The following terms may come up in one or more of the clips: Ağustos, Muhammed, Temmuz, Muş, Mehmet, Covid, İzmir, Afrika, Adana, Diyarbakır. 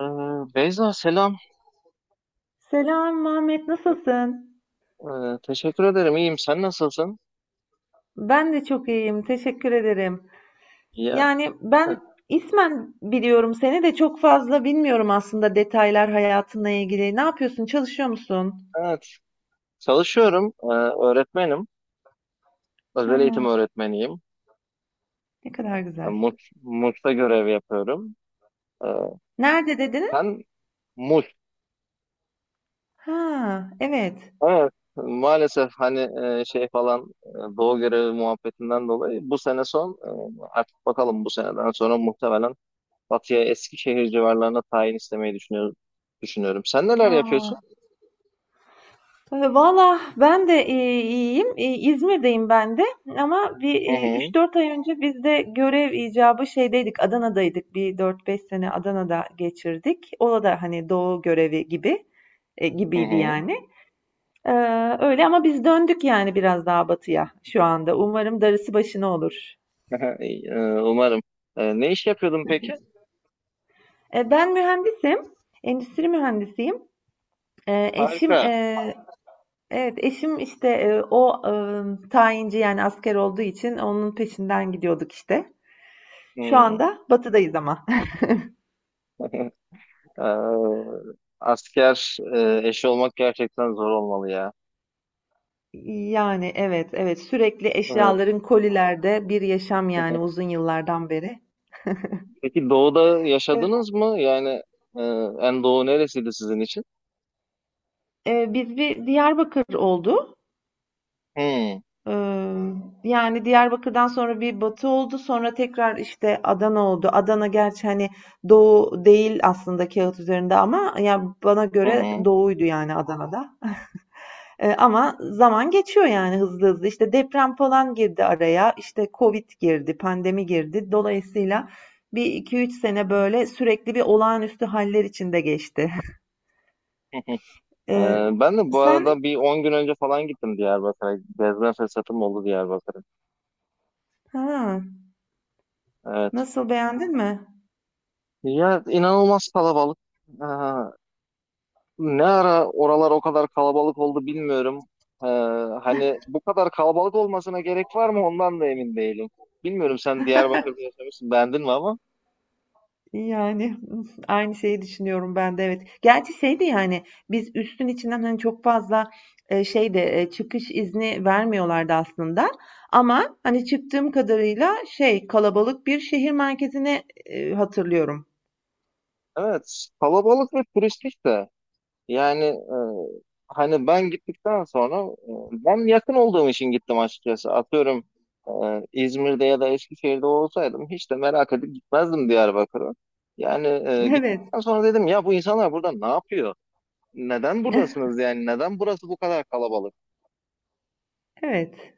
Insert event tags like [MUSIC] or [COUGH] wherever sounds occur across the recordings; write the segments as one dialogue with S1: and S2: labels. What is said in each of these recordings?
S1: Ee, Beyza selam.
S2: Selam Mehmet, nasılsın?
S1: Ee, teşekkür ederim. İyiyim. Sen nasılsın?
S2: Ben de çok iyiyim, teşekkür ederim.
S1: Ya
S2: Yani
S1: e,
S2: ben ismen biliyorum seni de çok fazla bilmiyorum aslında detaylar hayatınla ilgili. Ne yapıyorsun? Çalışıyor musun?
S1: evet. Çalışıyorum. Öğretmenim. Özel
S2: Ha,
S1: eğitim öğretmeniyim.
S2: ne kadar
S1: Ben
S2: güzel.
S1: Muş'ta görev yapıyorum. Ee,
S2: Nerede dedin?
S1: sen Muş.
S2: Ha, evet.
S1: Evet. Maalesef hani şey falan doğu görevi muhabbetinden dolayı bu sene son, artık bakalım bu seneden sonra muhtemelen Batı'ya Eskişehir civarlarına tayin istemeyi düşünüyorum. Sen neler
S2: Aa,
S1: yapıyorsun?
S2: valla ben de, iyiyim. İzmir'deyim ben de ama
S1: Hı hı.
S2: 3-4 ay önce biz de görev icabı şeydeydik, Adana'daydık. Bir dört beş sene Adana'da geçirdik. O da hani doğu görevi gibi
S1: Hı
S2: gibiydi
S1: hı.
S2: yani. Öyle ama biz döndük yani biraz daha batıya şu anda. Umarım darısı başına olur.
S1: [LAUGHS] Ee, Umarım. Ne iş yapıyordun peki?
S2: E, ben mühendisim, endüstri mühendisiyim. E, eşim
S1: Harika.
S2: Evet, eşim işte o tayinci yani asker olduğu için onun peşinden gidiyorduk işte. Şu
S1: Hmm.
S2: anda batıdayız ama. [LAUGHS]
S1: [LAUGHS] Ee, Asker eşi olmak gerçekten zor olmalı ya.
S2: Yani evet evet sürekli
S1: Ee,
S2: eşyaların kolilerde bir yaşam yani
S1: [LAUGHS]
S2: uzun yıllardan beri.
S1: Peki doğuda
S2: E,
S1: yaşadınız mı? Yani e, en doğu neresiydi sizin için?
S2: biz bir Diyarbakır oldu.
S1: Hmm.
S2: E, yani Diyarbakır'dan sonra bir Batı oldu. Sonra tekrar işte Adana oldu. Adana gerçi hani Doğu değil aslında kağıt üzerinde ama ya bana
S1: Hı
S2: göre
S1: hı.
S2: Doğu'ydu yani Adana'da. Ama zaman geçiyor yani hızlı hızlı. İşte deprem falan girdi araya, işte Covid girdi, pandemi girdi. Dolayısıyla bir iki üç sene böyle sürekli bir olağanüstü haller içinde geçti.
S1: [LAUGHS] Hı hı.
S2: Eee,
S1: Ben de bu
S2: sen
S1: arada bir 10 gün önce falan gittim Diyarbakır'a. Gezme fırsatım oldu Diyarbakır'a.
S2: ha,
S1: Evet.
S2: nasıl beğendin mi?
S1: Ya, inanılmaz kalabalık. Ne ara oralar o kadar kalabalık oldu bilmiyorum. Ee, hani bu kadar kalabalık olmasına gerek var mı, ondan da emin değilim. Bilmiyorum, sen Diyarbakır'da yaşamışsın, beğendin mi ama?
S2: Yani [LAUGHS] aynı şeyi düşünüyorum ben de evet. Gerçi şey yani biz üstün içinden hani çok fazla şey de çıkış izni vermiyorlardı aslında. Ama hani çıktığım kadarıyla şey kalabalık bir şehir merkezine hatırlıyorum.
S1: Evet, kalabalık ve turistik de. Yani hani ben gittikten sonra, ben yakın olduğum için gittim açıkçası. Atıyorum, e, İzmir'de ya da Eskişehir'de olsaydım hiç de merak edip gitmezdim Diyarbakır'a. Yani
S2: [LAUGHS] Evet.
S1: gittikten sonra dedim ya, bu insanlar burada ne yapıyor? Neden
S2: [LAUGHS]
S1: buradasınız yani? Neden burası bu kadar kalabalık?
S2: Evet.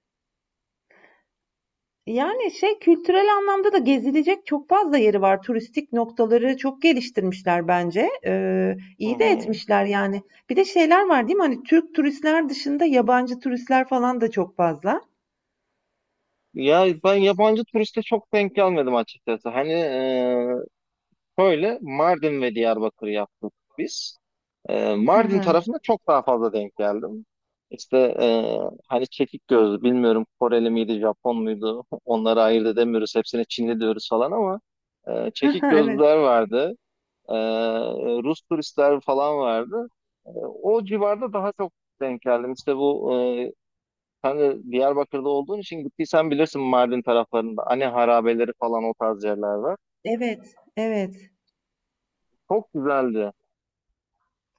S2: Yani şey kültürel anlamda da gezilecek çok fazla yeri var. Turistik noktaları çok geliştirmişler bence.
S1: Hı
S2: İyi de
S1: hı.
S2: etmişler yani. Bir de şeyler var değil mi? Hani Türk turistler dışında yabancı turistler falan da çok fazla.
S1: Ya, ben yabancı turiste çok denk gelmedim açıkçası. Hani, şöyle Mardin ve Diyarbakır yaptık biz. E,
S2: Hı
S1: Mardin
S2: hı.
S1: tarafında çok daha fazla denk geldim. İşte, hani çekik gözlü, bilmiyorum, Koreli miydi Japon muydu [LAUGHS] onları ayırt edemiyoruz, hepsine Çinli diyoruz falan ama
S2: [LAUGHS]
S1: çekik
S2: Evet.
S1: gözlüler vardı. E, Rus turistler falan vardı. E, o civarda daha çok denk geldim. İşte bu Sen de Diyarbakır'da olduğun için gittiysen bilirsin, Mardin taraflarında hani harabeleri falan, o tarz yerler var.
S2: Evet. Evet.
S1: Çok güzeldi.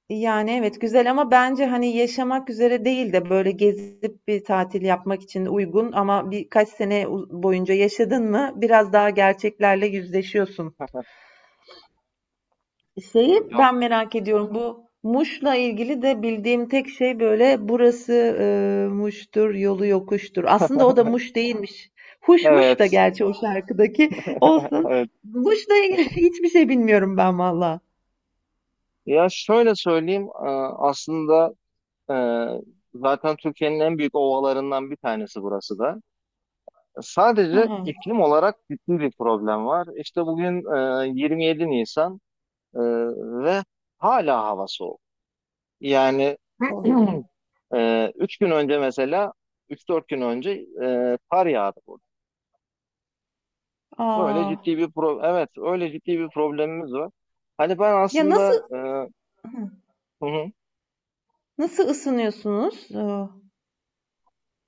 S2: Yani evet güzel ama bence hani yaşamak üzere değil de böyle gezip bir tatil yapmak için uygun ama birkaç sene boyunca yaşadın mı biraz daha gerçeklerle yüzleşiyorsun.
S1: [LAUGHS]
S2: Şeyi
S1: Yok.
S2: ben merak ediyorum. Bu Muş'la ilgili de bildiğim tek şey böyle burası Muş'tur, yolu yokuştur. Aslında o da Muş değilmiş. Huşmuş da
S1: Evet.
S2: gerçi o şarkıdaki olsun.
S1: Evet.
S2: Muş'la ilgili [LAUGHS] hiçbir şey bilmiyorum ben valla.
S1: Ya şöyle söyleyeyim, aslında e, zaten Türkiye'nin en büyük ovalarından bir tanesi burası da.
S2: Hı
S1: Sadece
S2: hı.
S1: iklim olarak ciddi bir problem var. İşte bugün 27 Nisan e, ve hala hava soğuk. Yani.
S2: O.
S1: [CLEARS THROAT] Üç gün önce mesela, 3-4 gün önce kar yağdı burada. Öyle
S2: Aa,
S1: ciddi bir pro evet, öyle ciddi bir problemimiz var. Hani ben
S2: ya nasıl
S1: aslında, e,
S2: hı,
S1: hı hı.
S2: nasıl ısınıyorsunuz? Hı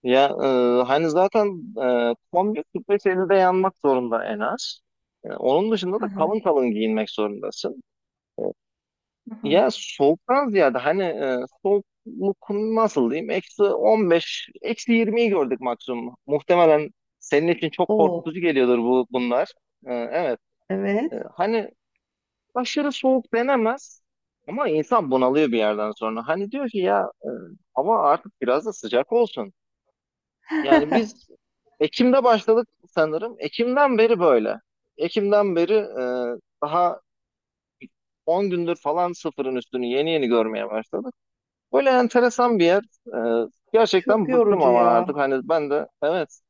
S1: Ya, hani zaten kombi 45 50'de yanmak zorunda en az. Onun dışında da
S2: hı.
S1: kalın kalın giyinmek zorundasın.
S2: Hı hı.
S1: Ya, soğuktan ziyade hani, soğukluk nasıl diyeyim? Eksi 15, eksi 20'yi gördük maksimum. Muhtemelen senin için çok
S2: O.
S1: korkutucu geliyordur bunlar. Evet. E,
S2: Evet.
S1: Hani aşırı soğuk denemez ama insan bunalıyor bir yerden sonra. Hani diyor ki ya, hava artık biraz da sıcak olsun. Yani biz Ekim'de başladık sanırım. Ekim'den beri böyle. Ekim'den beri, daha 10 gündür falan sıfırın üstünü yeni yeni görmeye başladık. Böyle enteresan bir yer. E,
S2: Çok
S1: gerçekten bıktım
S2: yorucu
S1: ama
S2: ya.
S1: artık hani ben de evet.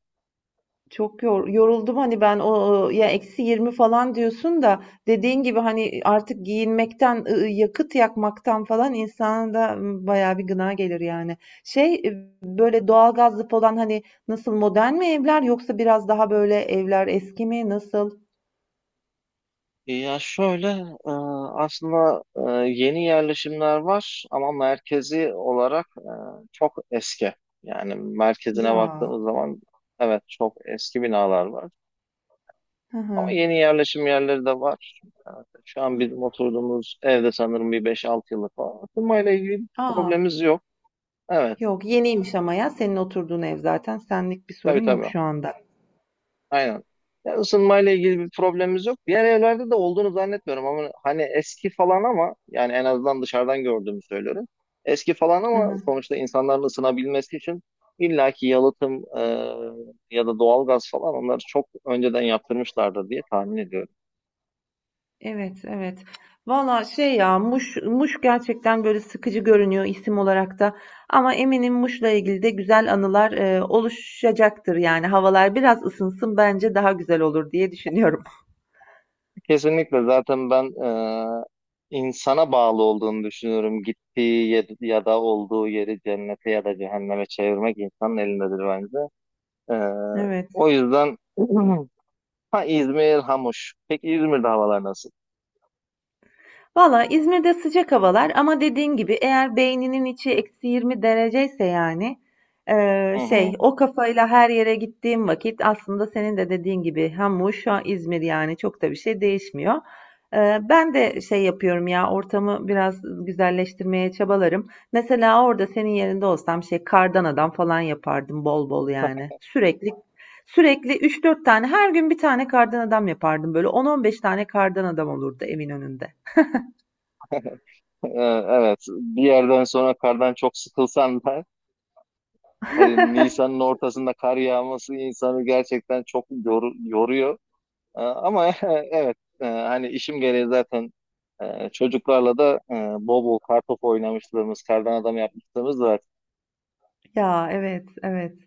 S2: Çok yoruldum hani ben o ya eksi 20 falan diyorsun da dediğin gibi hani artık giyinmekten yakıt yakmaktan falan insana da bayağı bir gına gelir yani. Şey böyle doğalgazlı falan hani nasıl modern mi evler yoksa biraz daha böyle evler eski mi nasıl?
S1: Ya şöyle, e, aslında, yeni yerleşimler var ama merkezi olarak çok eski. Yani merkezine
S2: Ya.
S1: baktığınız zaman evet, çok eski binalar var.
S2: Hı
S1: Ama
S2: hı.
S1: yeni yerleşim yerleri de var. Şu an bizim oturduğumuz evde sanırım bir beş 6 yıllık falan. Isınmayla ilgili bir
S2: Aa,
S1: problemimiz yok. Evet,
S2: yok yeniymiş ama ya senin oturduğun ev zaten senlik bir sorun
S1: tabii tabii.
S2: yok şu anda.
S1: Aynen. Ya, ısınmayla ilgili bir problemimiz yok. Diğer evlerde de olduğunu zannetmiyorum ama hani eski falan ama yani en azından dışarıdan gördüğümü söylüyorum. Eski falan ama sonuçta insanların ısınabilmesi için illaki yalıtım, ya da doğalgaz falan, onları çok önceden yaptırmışlardır diye tahmin ediyorum.
S2: Evet, evet. Valla şey ya Muş, Muş gerçekten böyle sıkıcı görünüyor isim olarak da. Ama eminim Muş'la ilgili de güzel anılar oluşacaktır yani. Havalar biraz ısınsın bence daha güzel olur diye düşünüyorum.
S1: Kesinlikle, zaten ben, e, insana bağlı olduğunu düşünüyorum. Gittiği yer ya da olduğu yeri cennete ya da cehenneme çevirmek insanın elindedir bence. E,
S2: [LAUGHS] Evet.
S1: o yüzden. [CLEARS THROAT] Ha, İzmir, Hamuş. Peki İzmir'de havalar nasıl?
S2: Valla İzmir'de sıcak havalar ama dediğin gibi eğer beyninin içi eksi 20 dereceyse yani
S1: Hı hı.
S2: şey o kafayla her yere gittiğim vakit aslında senin de dediğin gibi hem Muş hem İzmir yani çok da bir şey değişmiyor. Ben de şey yapıyorum ya ortamı biraz güzelleştirmeye çabalarım. Mesela orada senin yerinde olsam şey kardan adam falan yapardım bol bol yani. Sürekli sürekli üç dört tane her gün bir tane kardan adam yapardım böyle on on beş tane kardan adam olurdu evin önünde.
S1: Ee, evet. Bir yerden sonra kardan çok sıkılsan da hani, Nisan'ın
S2: [LAUGHS]
S1: ortasında kar yağması insanı gerçekten çok yoruyor. Ama [LAUGHS] evet, hani işim gereği zaten, çocuklarla da bol bol kartopu oynamışlığımız, kardan adam yapmışlığımız var.
S2: Ya evet, evet.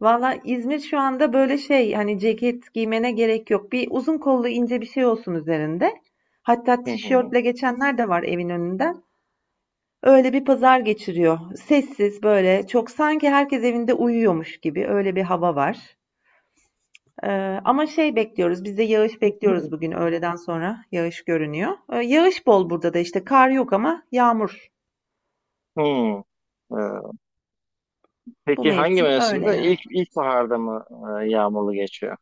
S2: Valla İzmir şu anda böyle şey hani ceket giymene gerek yok. Bir uzun kollu ince bir şey olsun üzerinde. Hatta
S1: Hı hı.
S2: tişörtle geçenler de var evin önünden. Öyle bir pazar geçiriyor. Sessiz böyle çok sanki herkes evinde uyuyormuş gibi öyle bir hava var. Ee, ama şey bekliyoruz biz de yağış bekliyoruz bugün öğleden sonra yağış görünüyor. Yağış bol burada da işte kar yok ama yağmur.
S1: Hı. Ee,
S2: Bu
S1: peki hangi
S2: mevsim öyle
S1: mevsimde?
S2: yani.
S1: İlk ilkbaharda mı, yağmurlu geçiyor?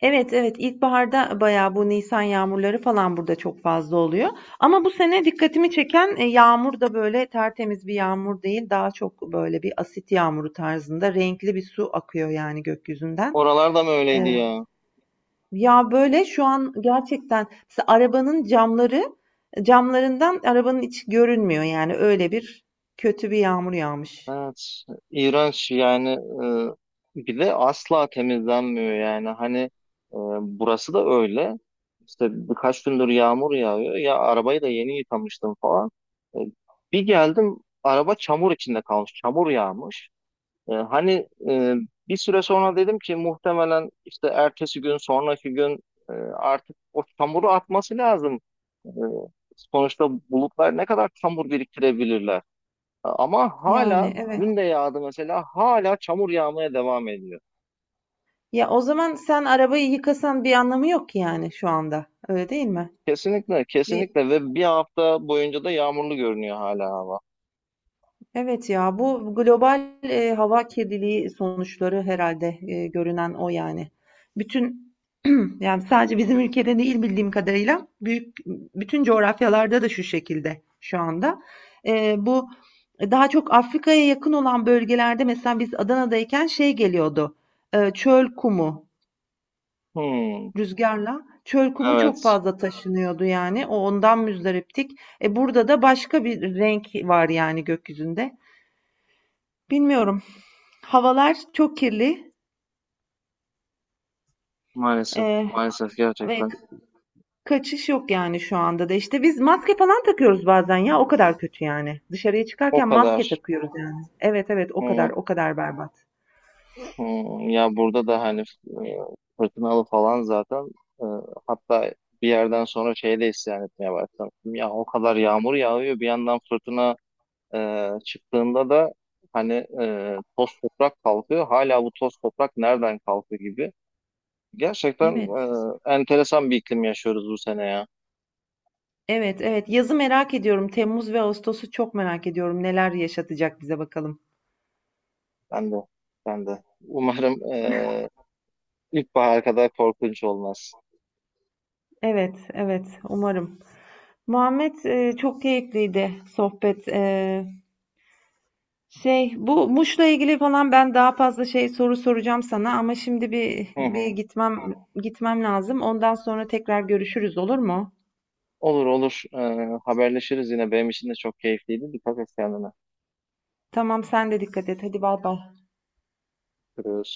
S2: Evet, evet. İlkbaharda bayağı bu nisan yağmurları falan burada çok fazla oluyor. Ama bu sene dikkatimi çeken yağmur da böyle tertemiz bir yağmur değil. Daha çok böyle bir asit yağmuru tarzında renkli bir su akıyor yani gökyüzünden.
S1: Oralarda mı öyleydi
S2: E,
S1: ya?
S2: ya böyle şu an gerçekten mesela arabanın camlarından arabanın içi görünmüyor yani öyle bir kötü bir yağmur yağmış.
S1: Evet, iğrenç yani, bir de asla temizlenmiyor yani, hani, burası da öyle işte, birkaç gündür yağmur yağıyor ya, arabayı da yeni yıkamıştım falan. E, bir geldim, araba çamur içinde kalmış, çamur yağmış. Hani, bir süre sonra dedim ki muhtemelen işte ertesi gün, sonraki gün artık o çamuru atması lazım. E, sonuçta bulutlar ne kadar çamur biriktirebilirler, ama hala
S2: Yani evet.
S1: dün de yağdı mesela, hala çamur yağmaya devam ediyor.
S2: Ya o zaman sen arabayı yıkasan bir anlamı yok ki yani şu anda. Öyle değil mi?
S1: Kesinlikle
S2: Bir,
S1: kesinlikle, ve bir hafta boyunca da yağmurlu görünüyor hala hava.
S2: evet ya bu global hava kirliliği sonuçları herhalde görünen o yani. Bütün [CLEARS THROAT] yani sadece bizim ülkede değil bildiğim kadarıyla büyük bütün coğrafyalarda da şu şekilde şu anda. Bu daha çok Afrika'ya yakın olan bölgelerde mesela biz Adana'dayken şey geliyordu. Çöl
S1: Hmm,
S2: rüzgarla çöl kumu çok
S1: evet,
S2: fazla taşınıyordu yani. O ondan müzdariptik. Burada da başka bir renk var yani gökyüzünde. Bilmiyorum. Havalar çok kirli
S1: maalesef
S2: eee,
S1: maalesef,
S2: ve
S1: gerçekten
S2: kaçış yok yani şu anda da. İşte biz maske falan takıyoruz bazen ya o kadar kötü yani. Dışarıya
S1: o
S2: çıkarken
S1: kadar.
S2: maske takıyoruz yani. Evet evet o
S1: Hmm,
S2: kadar o kadar berbat.
S1: hmm. Ya burada da hani, e, fırtınalı falan zaten. E, hatta bir yerden sonra şey de isyan etmeye başladım. Ya o kadar yağmur yağıyor, bir yandan fırtına. Çıktığında da hani, toz toprak kalkıyor. Hala bu toz toprak nereden kalktı gibi. Gerçekten,
S2: Evet.
S1: enteresan bir iklim yaşıyoruz bu sene ya.
S2: Evet evet yazı merak ediyorum. Temmuz ve Ağustos'u çok merak ediyorum. Neler yaşatacak bize bakalım.
S1: Ben de. Ben de. Umarım, ilkbahar kadar korkunç olmaz.
S2: Evet evet umarım. Muhammed çok keyifliydi sohbet. Şey, bu Muş'la ilgili falan ben daha fazla şey soru soracağım sana ama şimdi
S1: Hı
S2: bir
S1: hı.
S2: gitmem lazım. Ondan sonra tekrar görüşürüz olur mu?
S1: Olur olur. Haberleşiriz yine. Benim için de çok keyifliydi. Dikkat et kendine.
S2: Tamam sen de dikkat et. Hadi bay bay.
S1: Görüşürüz.